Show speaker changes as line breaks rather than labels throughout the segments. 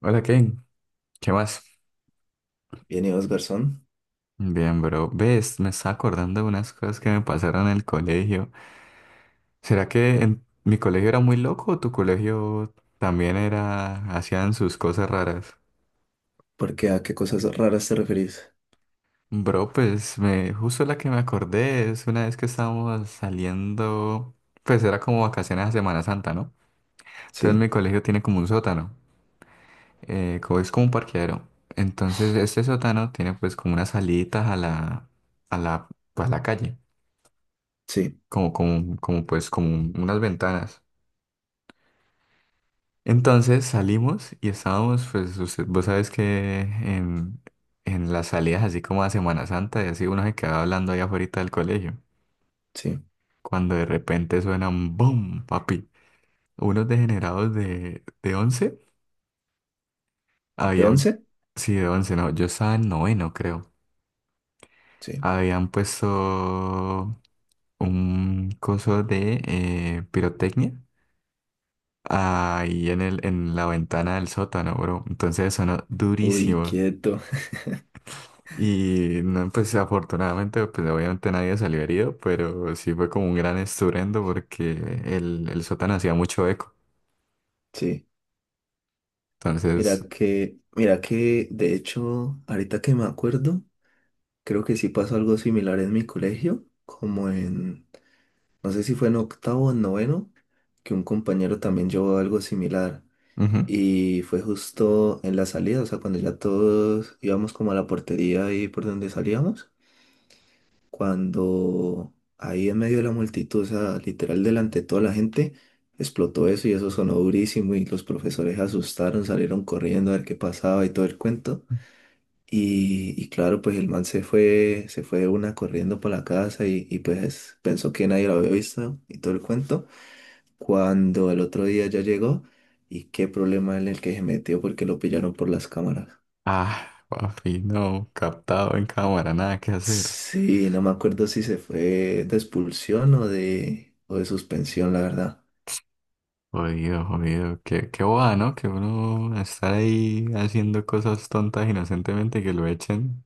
Hola Ken, ¿qué más?
Bien, ¿y vos, garzón?
Bien, bro. Ves, me estaba acordando de unas cosas que me pasaron en el colegio. ¿Será que en mi colegio era muy loco o tu colegio también era, hacían sus cosas raras?
¿Por qué? ¿A qué cosas raras te referís?
Bro, justo la que me acordé es una vez que estábamos saliendo, pues era como vacaciones a Semana Santa, ¿no? Entonces
Sí,
mi colegio tiene como un sótano, es como un parqueadero. Entonces este sótano tiene pues como unas saliditas a la, a la calle.
sí,
Como pues como unas ventanas. Entonces salimos y estábamos, pues usted, vos sabes que en las salidas así como a Semana Santa y así uno se quedaba hablando allá afuera del colegio,
sí.
cuando de repente suenan ¡boom! Papi, unos degenerados de once
¿De
habían,
once?
sí, de 11 no, yo estaba en noveno creo,
Sí.
habían puesto un coso de pirotecnia ahí en en la ventana del sótano, bro. Entonces sonó
Uy,
durísimo.
quieto.
Y no, pues afortunadamente, pues obviamente nadie salió herido, pero sí fue como un gran estruendo porque el sótano hacía mucho eco.
Sí.
Entonces,
Mira que, de hecho, ahorita que me acuerdo, creo que sí pasó algo similar en mi colegio, no sé si fue en octavo o en noveno, que un compañero también llevó algo similar.
ujú.
Y fue justo en la salida, o sea, cuando ya todos íbamos como a la portería ahí por donde salíamos. Cuando ahí en medio de la multitud, o sea, literal delante de toda la gente, explotó eso y eso sonó durísimo y los profesores se asustaron, salieron corriendo a ver qué pasaba y todo el cuento. Y claro, pues el man se fue de una corriendo para la casa y pues pensó que nadie lo había visto y todo el cuento. Cuando el otro día ya llegó y qué problema en el que se metió porque lo pillaron por las cámaras.
Ah, papi, no, captado en cámara, nada que hacer.
Sí, no me acuerdo si se fue de expulsión o de suspensión, la verdad.
Jodido, jodido, qué boba, ¿no? Que uno estar ahí haciendo cosas tontas inocentemente y que lo echen.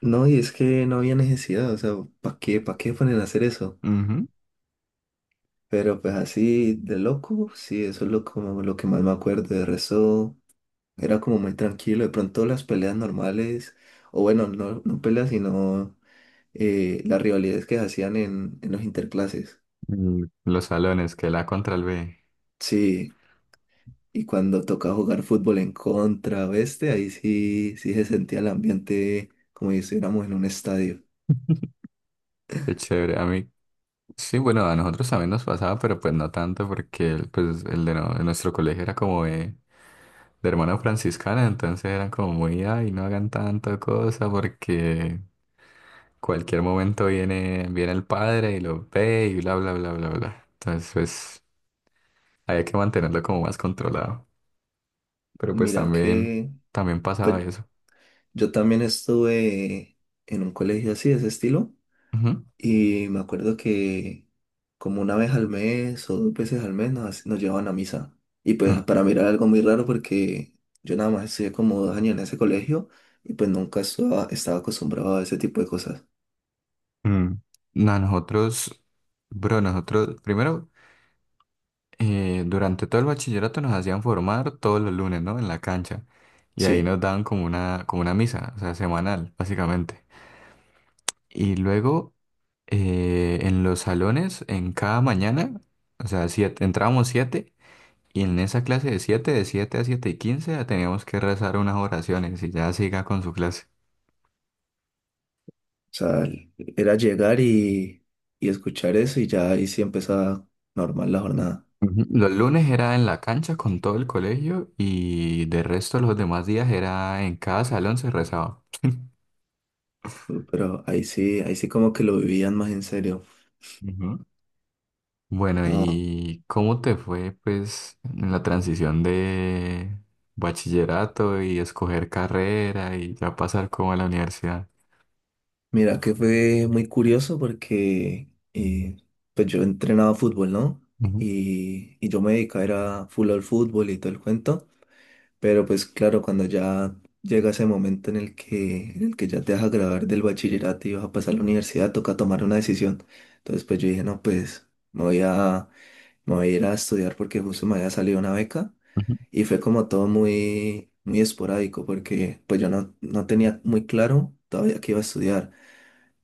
No, y es que no había necesidad, o sea, ¿para qué ponen a hacer eso?
Ujú.
Pero pues así de loco, sí, eso es lo, como lo que más me acuerdo. De resto, era como muy tranquilo. De pronto las peleas normales, o bueno, no, no peleas, sino las rivalidades que se hacían en los interclases.
Mm, los salones, que la contra el B.
Sí. Y cuando toca jugar fútbol en contra, oeste, ahí sí, sí se sentía el ambiente como si estuviéramos en un estadio.
Qué chévere. A mí, sí, bueno, a nosotros también nos pasaba, pero pues no tanto porque el, pues, el de, no- de nuestro colegio era como de hermana franciscana, entonces eran como muy, ay, no hagan tanta cosa porque cualquier momento viene el padre y lo ve y bla, bla, bla, bla, bla. Entonces, pues, había que mantenerlo como más controlado. Pero pues
Mira
también,
que,
también
pues
pasaba eso.
yo también estuve en un colegio así, de ese estilo,
Ujú.
y me acuerdo que como una vez al mes o dos veces al mes nos llevaban a misa. Y pues
Mm,
para mí era algo muy raro porque yo nada más estudié como dos años en ese colegio y pues nunca estaba acostumbrado a ese tipo de cosas.
mm. No, nosotros, bro, nosotros, primero... durante todo el bachillerato nos hacían formar todos los lunes, ¿no? En la cancha. Y ahí
Sí.
nos daban como una misa, o sea, semanal, básicamente. Y luego en los salones, en cada mañana, o sea, siete, entrábamos siete. Y en esa clase de siete a siete y quince, ya teníamos que rezar unas oraciones y ya siga con su clase.
O sea, era llegar y escuchar eso y ya ahí sí empezaba normal la jornada.
Ujú. Los lunes era en la cancha con todo el colegio y de resto los demás días era en cada salón se rezaba.
Pero ahí sí como que lo vivían más en serio.
Ujú. Bueno,
Ah,
¿y cómo te fue, pues, en la transición de bachillerato y escoger carrera y ya pasar como a la universidad?
mira que fue muy curioso porque pues yo entrenaba fútbol, ¿no?
Ujú,
Y yo me dedicaba era full al fútbol y todo el cuento. Pero pues claro, cuando ya llega ese momento en el que ya te vas a graduar del bachillerato y vas a pasar a la universidad, toca tomar una decisión. Entonces pues yo dije, no, Me voy a ir a estudiar porque justo me había salido una beca
ujú,
y fue como todo muy, muy esporádico porque pues yo no, no tenía muy claro todavía qué iba a estudiar.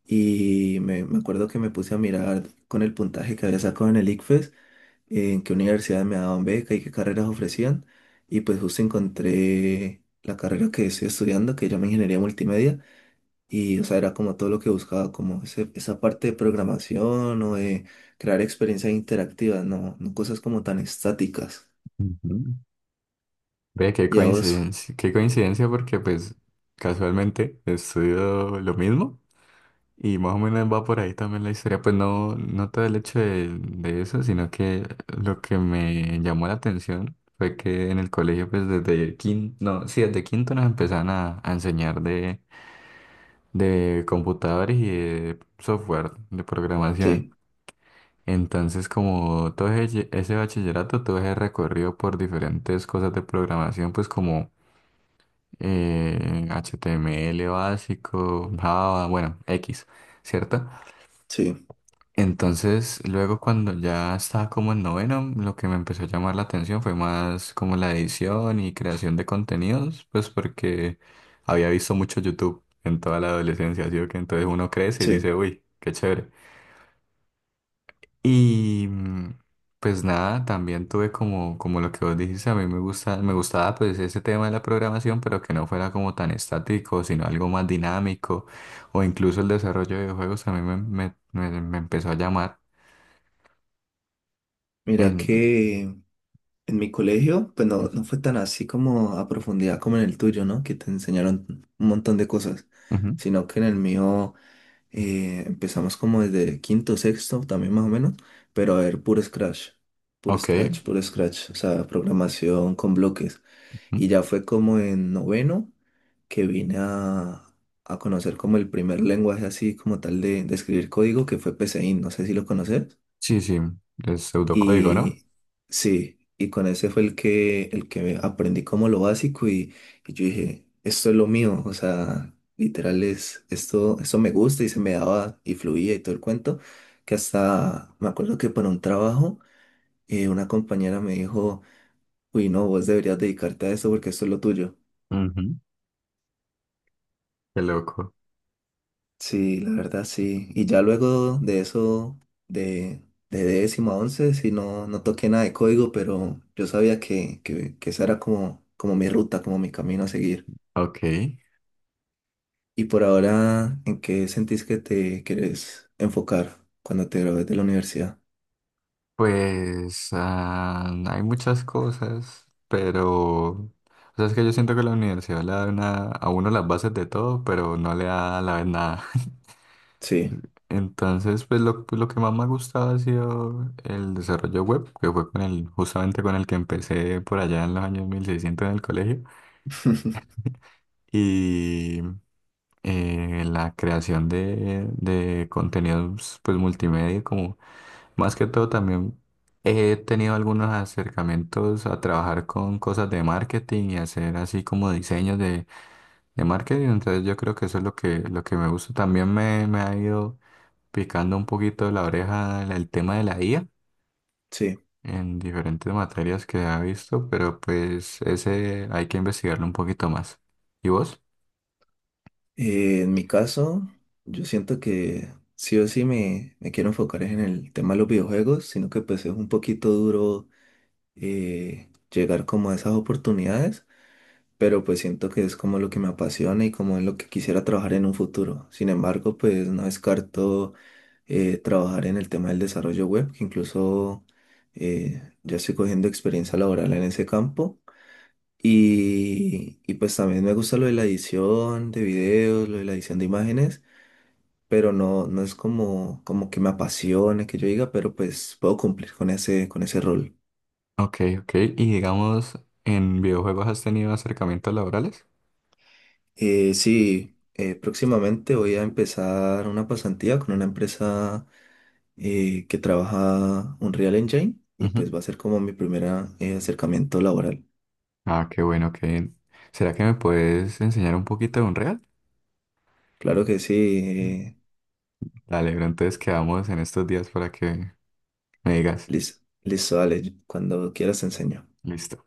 Y me acuerdo que me puse a mirar con el puntaje que había sacado en el ICFES, en qué universidades me daban beca y qué carreras ofrecían. Y pues justo encontré la carrera que estoy estudiando, que se llama Ingeniería Multimedia. Y, o sea, era como todo lo que buscaba, como esa parte de programación o de crear experiencias interactivas, no, no cosas como tan estáticas.
ujú. Ve,
Ya vos,
qué coincidencia porque, pues, casualmente estudio lo mismo y más o menos va por ahí también la historia. Pues no, no todo el hecho de eso, sino que lo que me llamó la atención fue que en el colegio, pues, desde quinto, no, sí, desde quinto nos empezaban a enseñar de computadores y de software de programación.
sí,
Entonces, como todo ese bachillerato, todo ese recorrido por diferentes cosas de programación, pues como HTML básico, Java, bueno, X, ¿cierto?
sí,
Entonces, luego cuando ya estaba como en noveno, lo que me empezó a llamar la atención fue más como la edición y creación de contenidos, pues porque había visto mucho YouTube en toda la adolescencia, así que entonces uno crece y
sí.
dice, uy, qué chévere. Y pues nada, también tuve como, como lo que vos dijiste, a mí me gusta, me gustaba pues ese tema de la programación, pero que no fuera como tan estático, sino algo más dinámico, o incluso el desarrollo de videojuegos a mí me empezó a llamar
Mira
en,
que en mi colegio, pues no, no fue tan así como a profundidad como en el tuyo, ¿no? Que te enseñaron un montón de cosas,
ujú.
sino que en el mío empezamos como desde quinto, sexto, también más o menos, pero a ver, puro Scratch, puro
Ok.
Scratch, puro Scratch, o sea, programación con bloques. Y
Ujú.
ya fue como en noveno que vine a conocer como el primer lenguaje así como tal de escribir código, que fue PSeInt, no sé si lo conoces.
Sí, sí, es pseudocódigo, ¿no?
Y sí, y con ese fue el que aprendí como lo básico y yo dije, esto es lo mío, o sea, literal es, esto me gusta y se me daba y fluía y todo el cuento, que hasta me acuerdo que para un trabajo una compañera me dijo, uy, no, vos deberías dedicarte a eso porque esto es lo tuyo.
Ujú. Qué loco.
Sí, la verdad sí. Y ya luego de eso, de, de décimo a once, sí, no, no toqué nada de código, pero yo sabía que esa era como, como mi ruta, como mi camino a seguir.
Ok.
Y por ahora, ¿en qué sentís que te quieres enfocar cuando te gradúes de la universidad?
Pues ah, hay muchas cosas, pero... O sea, es que yo siento que la universidad le da a uno las bases de todo, pero no le da a la vez nada.
Sí,
Entonces, pues, lo que más me ha gustado ha sido el desarrollo web, que fue con justamente con el que empecé por allá en los años 1600 en el colegio. La creación de contenidos pues multimedia, como más que todo también he tenido algunos acercamientos a trabajar con cosas de marketing y hacer así como diseños de marketing, entonces yo creo que eso es lo que me gusta. También me ha ido picando un poquito la oreja el tema de la IA
sí.
en diferentes materias que ha visto, pero pues ese hay que investigarlo un poquito más. ¿Y vos?
En mi caso, yo siento que sí o sí me quiero enfocar es en el tema de los videojuegos, sino que pues es un poquito duro llegar como a esas oportunidades. Pero pues siento que es como lo que me apasiona y como en lo que quisiera trabajar en un futuro. Sin embargo, pues no descarto trabajar en el tema del desarrollo web, que incluso ya estoy cogiendo experiencia laboral en ese campo. Y pues también me gusta lo de la edición de videos, lo de la edición de imágenes, pero no, no es como, como que me apasione, que yo diga, pero pues puedo cumplir con ese rol.
Ok, ok. Y digamos, ¿en videojuegos has tenido acercamientos laborales?
Sí, próximamente voy a empezar una pasantía con una empresa que trabaja Unreal Engine y
Ujú.
pues va a ser como mi primer acercamiento laboral.
Ah, qué bueno, que ¿será que me puedes enseñar un poquito de Unreal?
Claro que sí,
Mm,
eh,
dale, pero entonces quedamos en estos días para que me digas.
listo, listo, dale, cuando quieras te enseño.
Listo.